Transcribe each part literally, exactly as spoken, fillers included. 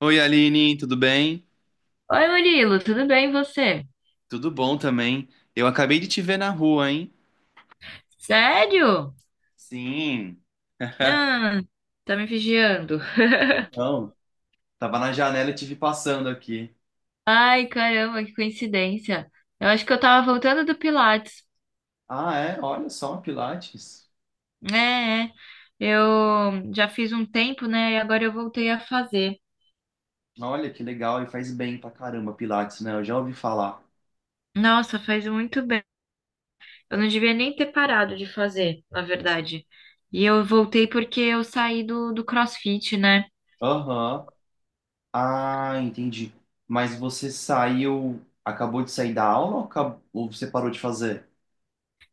Oi, Aline, tudo bem? Oi, Murilo, tudo bem e você? Tudo bom também. Eu acabei de te ver na rua, hein? Sério? Sim. Ah, tá me vigiando. Não, tava na janela e te vi passando aqui. Ai, caramba, que coincidência. Eu acho que eu tava voltando do Pilates. Ah, é? Olha só, Pilates. É, é. Eu já fiz um tempo, né? E agora eu voltei a fazer. Olha que legal, e faz bem pra caramba, Pilates, né? Eu já ouvi falar. Nossa, faz muito bem. Eu não devia nem ter parado de fazer, na verdade. E eu voltei porque eu saí do, do CrossFit, né? Aham. Ah, entendi. Mas você saiu, acabou de sair da aula ou, acab- ou você parou de fazer?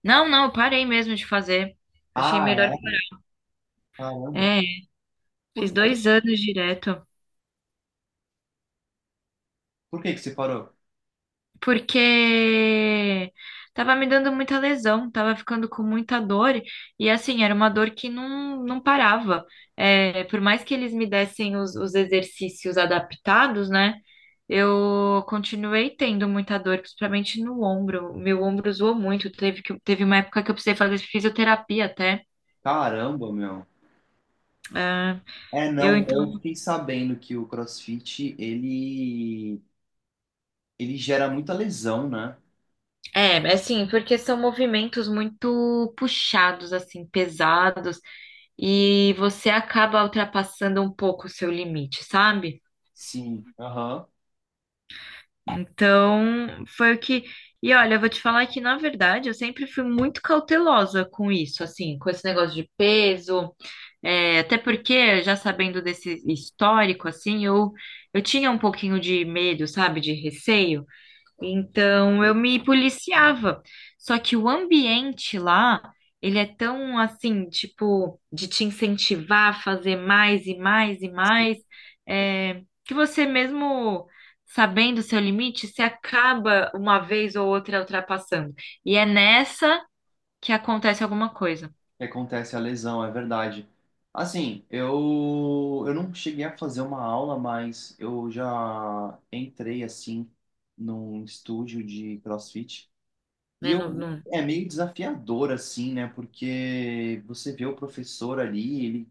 Não, não, eu parei mesmo de fazer. Achei Ah, melhor é? parar. Caramba. É, Por fiz quê? dois anos direto. Por que que você parou? Porque tava me dando muita lesão, tava ficando com muita dor, e assim, era uma dor que não, não parava. É, por mais que eles me dessem os, os exercícios adaptados, né? Eu continuei tendo muita dor, principalmente no ombro. Meu ombro zoou muito. Teve, que, teve uma época que eu precisei fazer fisioterapia até. Caramba, meu. Ah, É, eu não, eu então. fiquei sabendo que o CrossFit, ele, ele gera muita lesão, né? É, assim, porque são movimentos muito puxados, assim, pesados. E você acaba ultrapassando um pouco o seu limite, sabe? Sim, aham. Então, foi o que. E olha, eu vou te falar que, na verdade, eu sempre fui muito cautelosa com isso, assim, com esse negócio de peso, é, até porque, já sabendo desse histórico, assim, eu, eu tinha um pouquinho de medo, sabe, de receio. Então eu me policiava. Só que o ambiente lá, ele é tão assim, tipo, de te incentivar a fazer mais e mais e mais, é, que você mesmo sabendo o seu limite, se acaba uma vez ou outra ultrapassando. E é nessa que acontece alguma coisa, Que acontece a lesão, é verdade. Assim, eu, eu não cheguei a fazer uma aula, mas eu já entrei, assim, num estúdio de CrossFit. E né? No, eu, no- É meio desafiador, assim, né? Porque você vê o professor ali, ele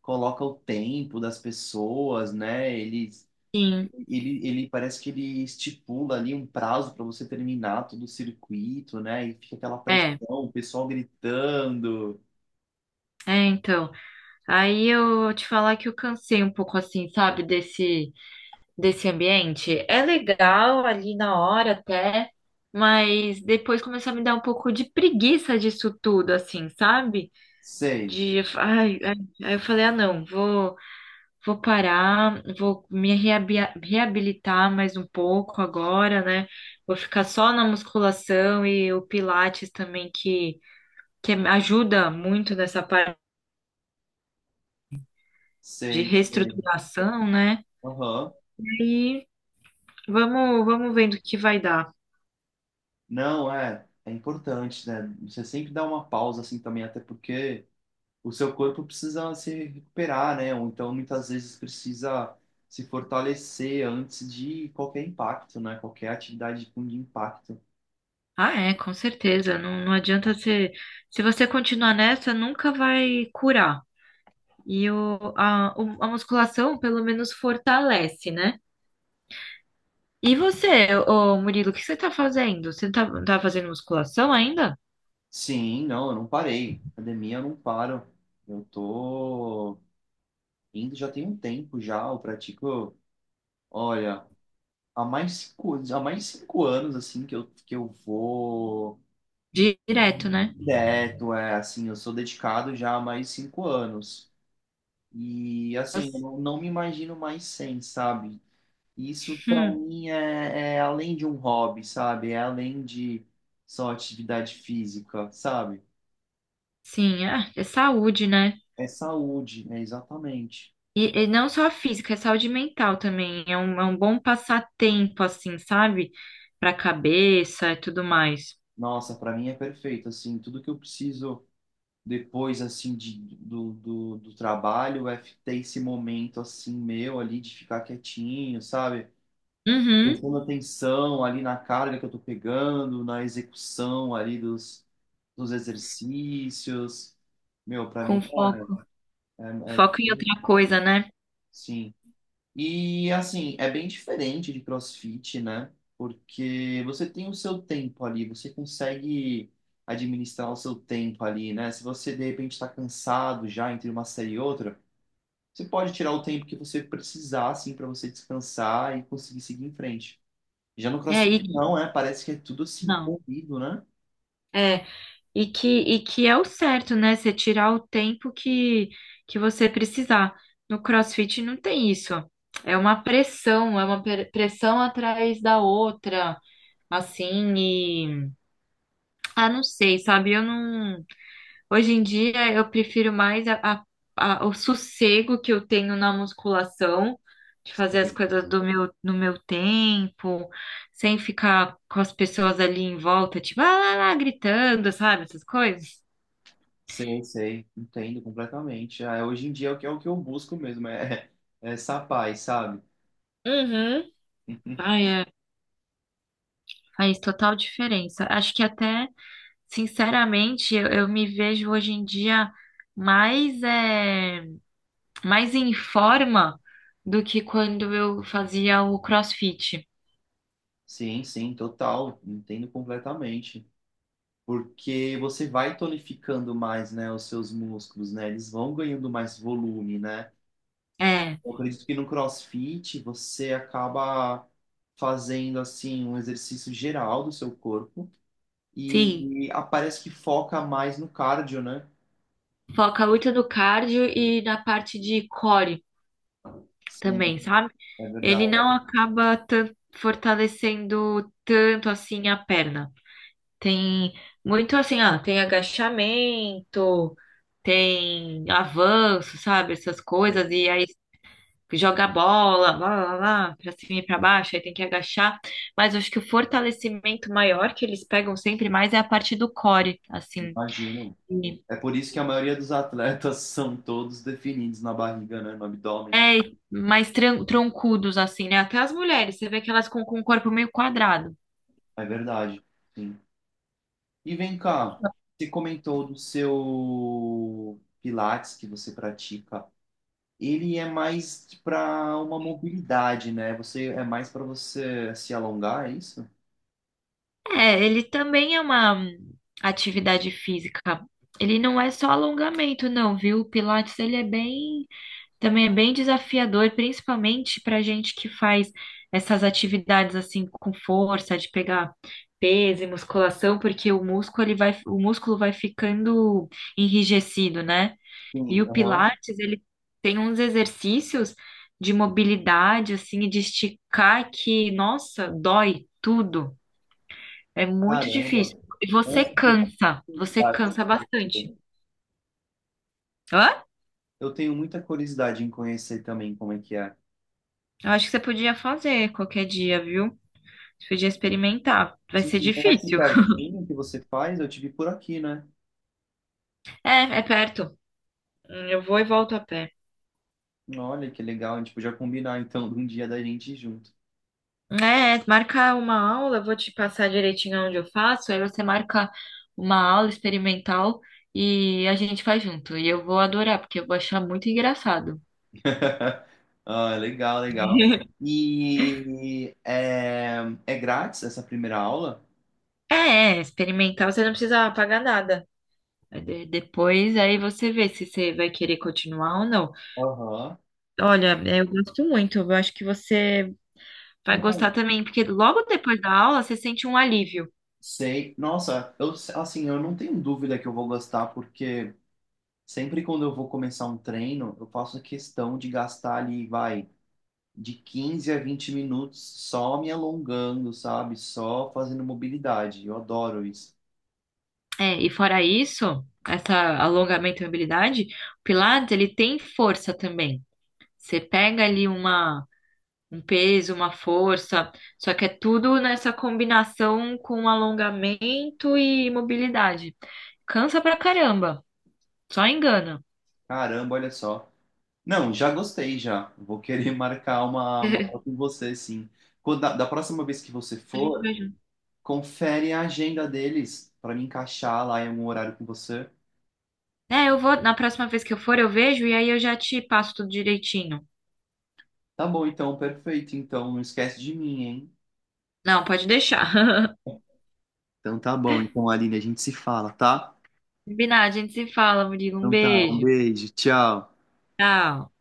coloca o tempo das pessoas, né? Ele Sim, Ele, ele parece que ele estipula ali um prazo para você terminar todo o circuito, né? E fica aquela pressão, é. o pessoal gritando. É, então. Aí eu te falar que eu cansei um pouco assim, sabe, desse. Desse ambiente. É legal ali na hora até, mas depois começou a me dar um pouco de preguiça disso tudo, assim, sabe? Sei, De, ai, ai, aí eu falei, ah, não, vou, vou parar, vou me reabia- reabilitar mais um pouco agora, né? Vou ficar só na musculação e o Pilates também, que, que ajuda muito nessa parte de sei. reestruturação, né? Aham. E vamos, vamos vendo o que vai dar. Não, é, é importante, né? Você sempre dá uma pausa assim também, até porque o seu corpo precisa se recuperar, né? Ou então muitas vezes precisa se fortalecer antes de qualquer impacto, né? Qualquer atividade com impacto. Ah, é, com certeza. Não, não adianta você. Se você continuar nessa, nunca vai curar. E o, a, o- a musculação, pelo menos, fortalece, né? E você, ô Murilo, o que você tá fazendo? Você tá, tá fazendo musculação ainda? Sim, não, eu não parei. Academia eu não paro. Eu tô indo já tem um tempo já, eu pratico, olha, há mais cinco, há mais de cinco anos, assim, que eu, que eu vou Direto, né? direto, é, assim, eu sou dedicado já há mais de cinco anos. E, assim, eu Nossa. não, não me imagino mais sem, sabe? Isso, para Hum, mim, é, é além de um hobby, sabe? É além de só atividade física, sabe? sim, ah, é saúde, né? É saúde, né? Exatamente. E, e não só a física, é saúde mental também. É um, é um bom passatempo, assim, sabe? Pra cabeça e tudo mais. Nossa, para mim é perfeito, assim, tudo que eu preciso depois assim de, do, do, do trabalho é ter esse momento assim meu ali de ficar quietinho, sabe? Uhum, Prestando atenção ali na carga que eu tô pegando, na execução ali dos, dos exercícios. Meu, pra com mim foco. é, é, Foco em outra coisa, né? sim. E assim, é bem diferente de CrossFit, né? Porque você tem o seu tempo ali, você consegue administrar o seu tempo ali, né? Se você de repente está cansado já entre uma série e outra, você pode tirar o tempo que você precisar, assim, para você descansar e conseguir seguir em frente. Já no É, CrossFit e não, é, parece que é tudo assim, não. corrido, né? É, e que, e que é o certo, né? Você tirar o tempo que, que você precisar. No CrossFit não tem isso. É uma pressão, é uma pre- pressão atrás da outra, assim, e ah, não sei, sabe? Eu não. Hoje em dia eu prefiro mais a, a- a- o sossego que eu tenho na musculação, de fazer as Sim. coisas do meu, no meu tempo, sem ficar com as pessoas ali em volta, tipo, ah, lá, lá, gritando, sabe? Essas coisas. Sei, sei, entendo completamente. Ah, hoje em dia é o que, é o que, eu busco mesmo, é, é essa paz, sabe? Uhum. Ai, é, faz total diferença. Acho que até, sinceramente, eu, eu me vejo hoje em dia mais, é, mais em forma do que quando eu fazia o CrossFit. Sim, sim, total, entendo completamente. Porque você vai tonificando mais, né, os seus músculos, né? Eles vão ganhando mais volume, né? É, Eu acredito que no CrossFit você acaba fazendo assim um exercício geral do seu corpo sim. e, e ah, parece que foca mais no cardio, né? Foca muito no cardio e na parte de core Sim, também, sabe? é Ele verdade. não acaba tan- fortalecendo tanto assim a perna. Tem muito assim, ah, tem agachamento, tem avanço, sabe? Essas É, coisas, e aí joga a bola, lá, lá, lá, pra cima e pra baixo, aí tem que agachar. Mas eu acho que o fortalecimento maior que eles pegam sempre mais é a parte do core, assim. imagino. É por isso que a maioria dos atletas são todos definidos na barriga, né? No abdômen. É, mais tran- troncudos, assim, né? Até as mulheres, você vê que elas com, com o corpo meio quadrado. É verdade. Sim. E vem cá, você comentou do seu Pilates que você pratica, ele é mais para uma mobilidade, né? Você é mais para você se alongar, é isso? É, ele também é uma hum, atividade física. Ele não é só alongamento, não, viu? O Pilates, ele é bem, também é bem desafiador, principalmente pra gente que faz essas atividades, assim, com força, de pegar peso e musculação, porque o músculo, ele vai, o músculo vai ficando enrijecido, né? E Sim, o aham. Pilates, ele tem uns exercícios de mobilidade, assim, e de esticar que, nossa, dói tudo. É muito Caramba. difícil. E você Nossa, que cansa, você curiosidade. cansa bastante. Hã? Eu tenho muita curiosidade em conhecer também como é que é. Eu acho que você podia fazer qualquer dia, viu? Você podia experimentar. Vai Sim, ser é aqui difícil. pertinho que você faz, eu tive por aqui, né? É, é perto. Hum, Eu vou e volto a pé. Olha que legal, a gente podia combinar então de um dia da gente ir junto. É, marca uma aula, eu vou te passar direitinho onde eu faço, aí você marca uma aula experimental e a gente faz junto. E eu vou adorar, porque eu vou achar muito engraçado. Ah, legal, legal. E é, é grátis essa primeira aula? É, é, experimental, você não precisa pagar nada. É, de- depois aí você vê se você vai querer continuar ou não. Aham. Olha, eu gosto muito, eu acho que você vai gostar também, porque logo depois da aula você sente um alívio. Sei. Nossa, eu, assim, eu não tenho dúvida que eu vou gostar, porque sempre quando eu vou começar um treino, eu faço questão de gastar ali, vai, de quinze a vinte minutos só me alongando, sabe? Só fazendo mobilidade. Eu adoro isso. É, e fora isso, essa alongamento e mobilidade, o Pilates, ele tem força também. Você pega ali uma, um peso, uma força, só que é tudo nessa combinação com alongamento e mobilidade. Cansa pra caramba, só engana. Caramba, olha só. Não, já gostei já. Vou querer marcar uma, uma aula com você, sim. Quando, da, da próxima vez que você for, confere a agenda deles para me encaixar lá em algum horário com você. É, eu vou, na próxima vez que eu for, eu vejo e aí eu já te passo tudo direitinho. Tá bom, então, perfeito. Então, não esquece de mim, hein? Não, pode deixar. Então tá bom. Então, Aline, a gente se fala, tá? Combinado, a gente se fala, Murilo. Um Então tá, um beijo. beijo, tchau. Tchau.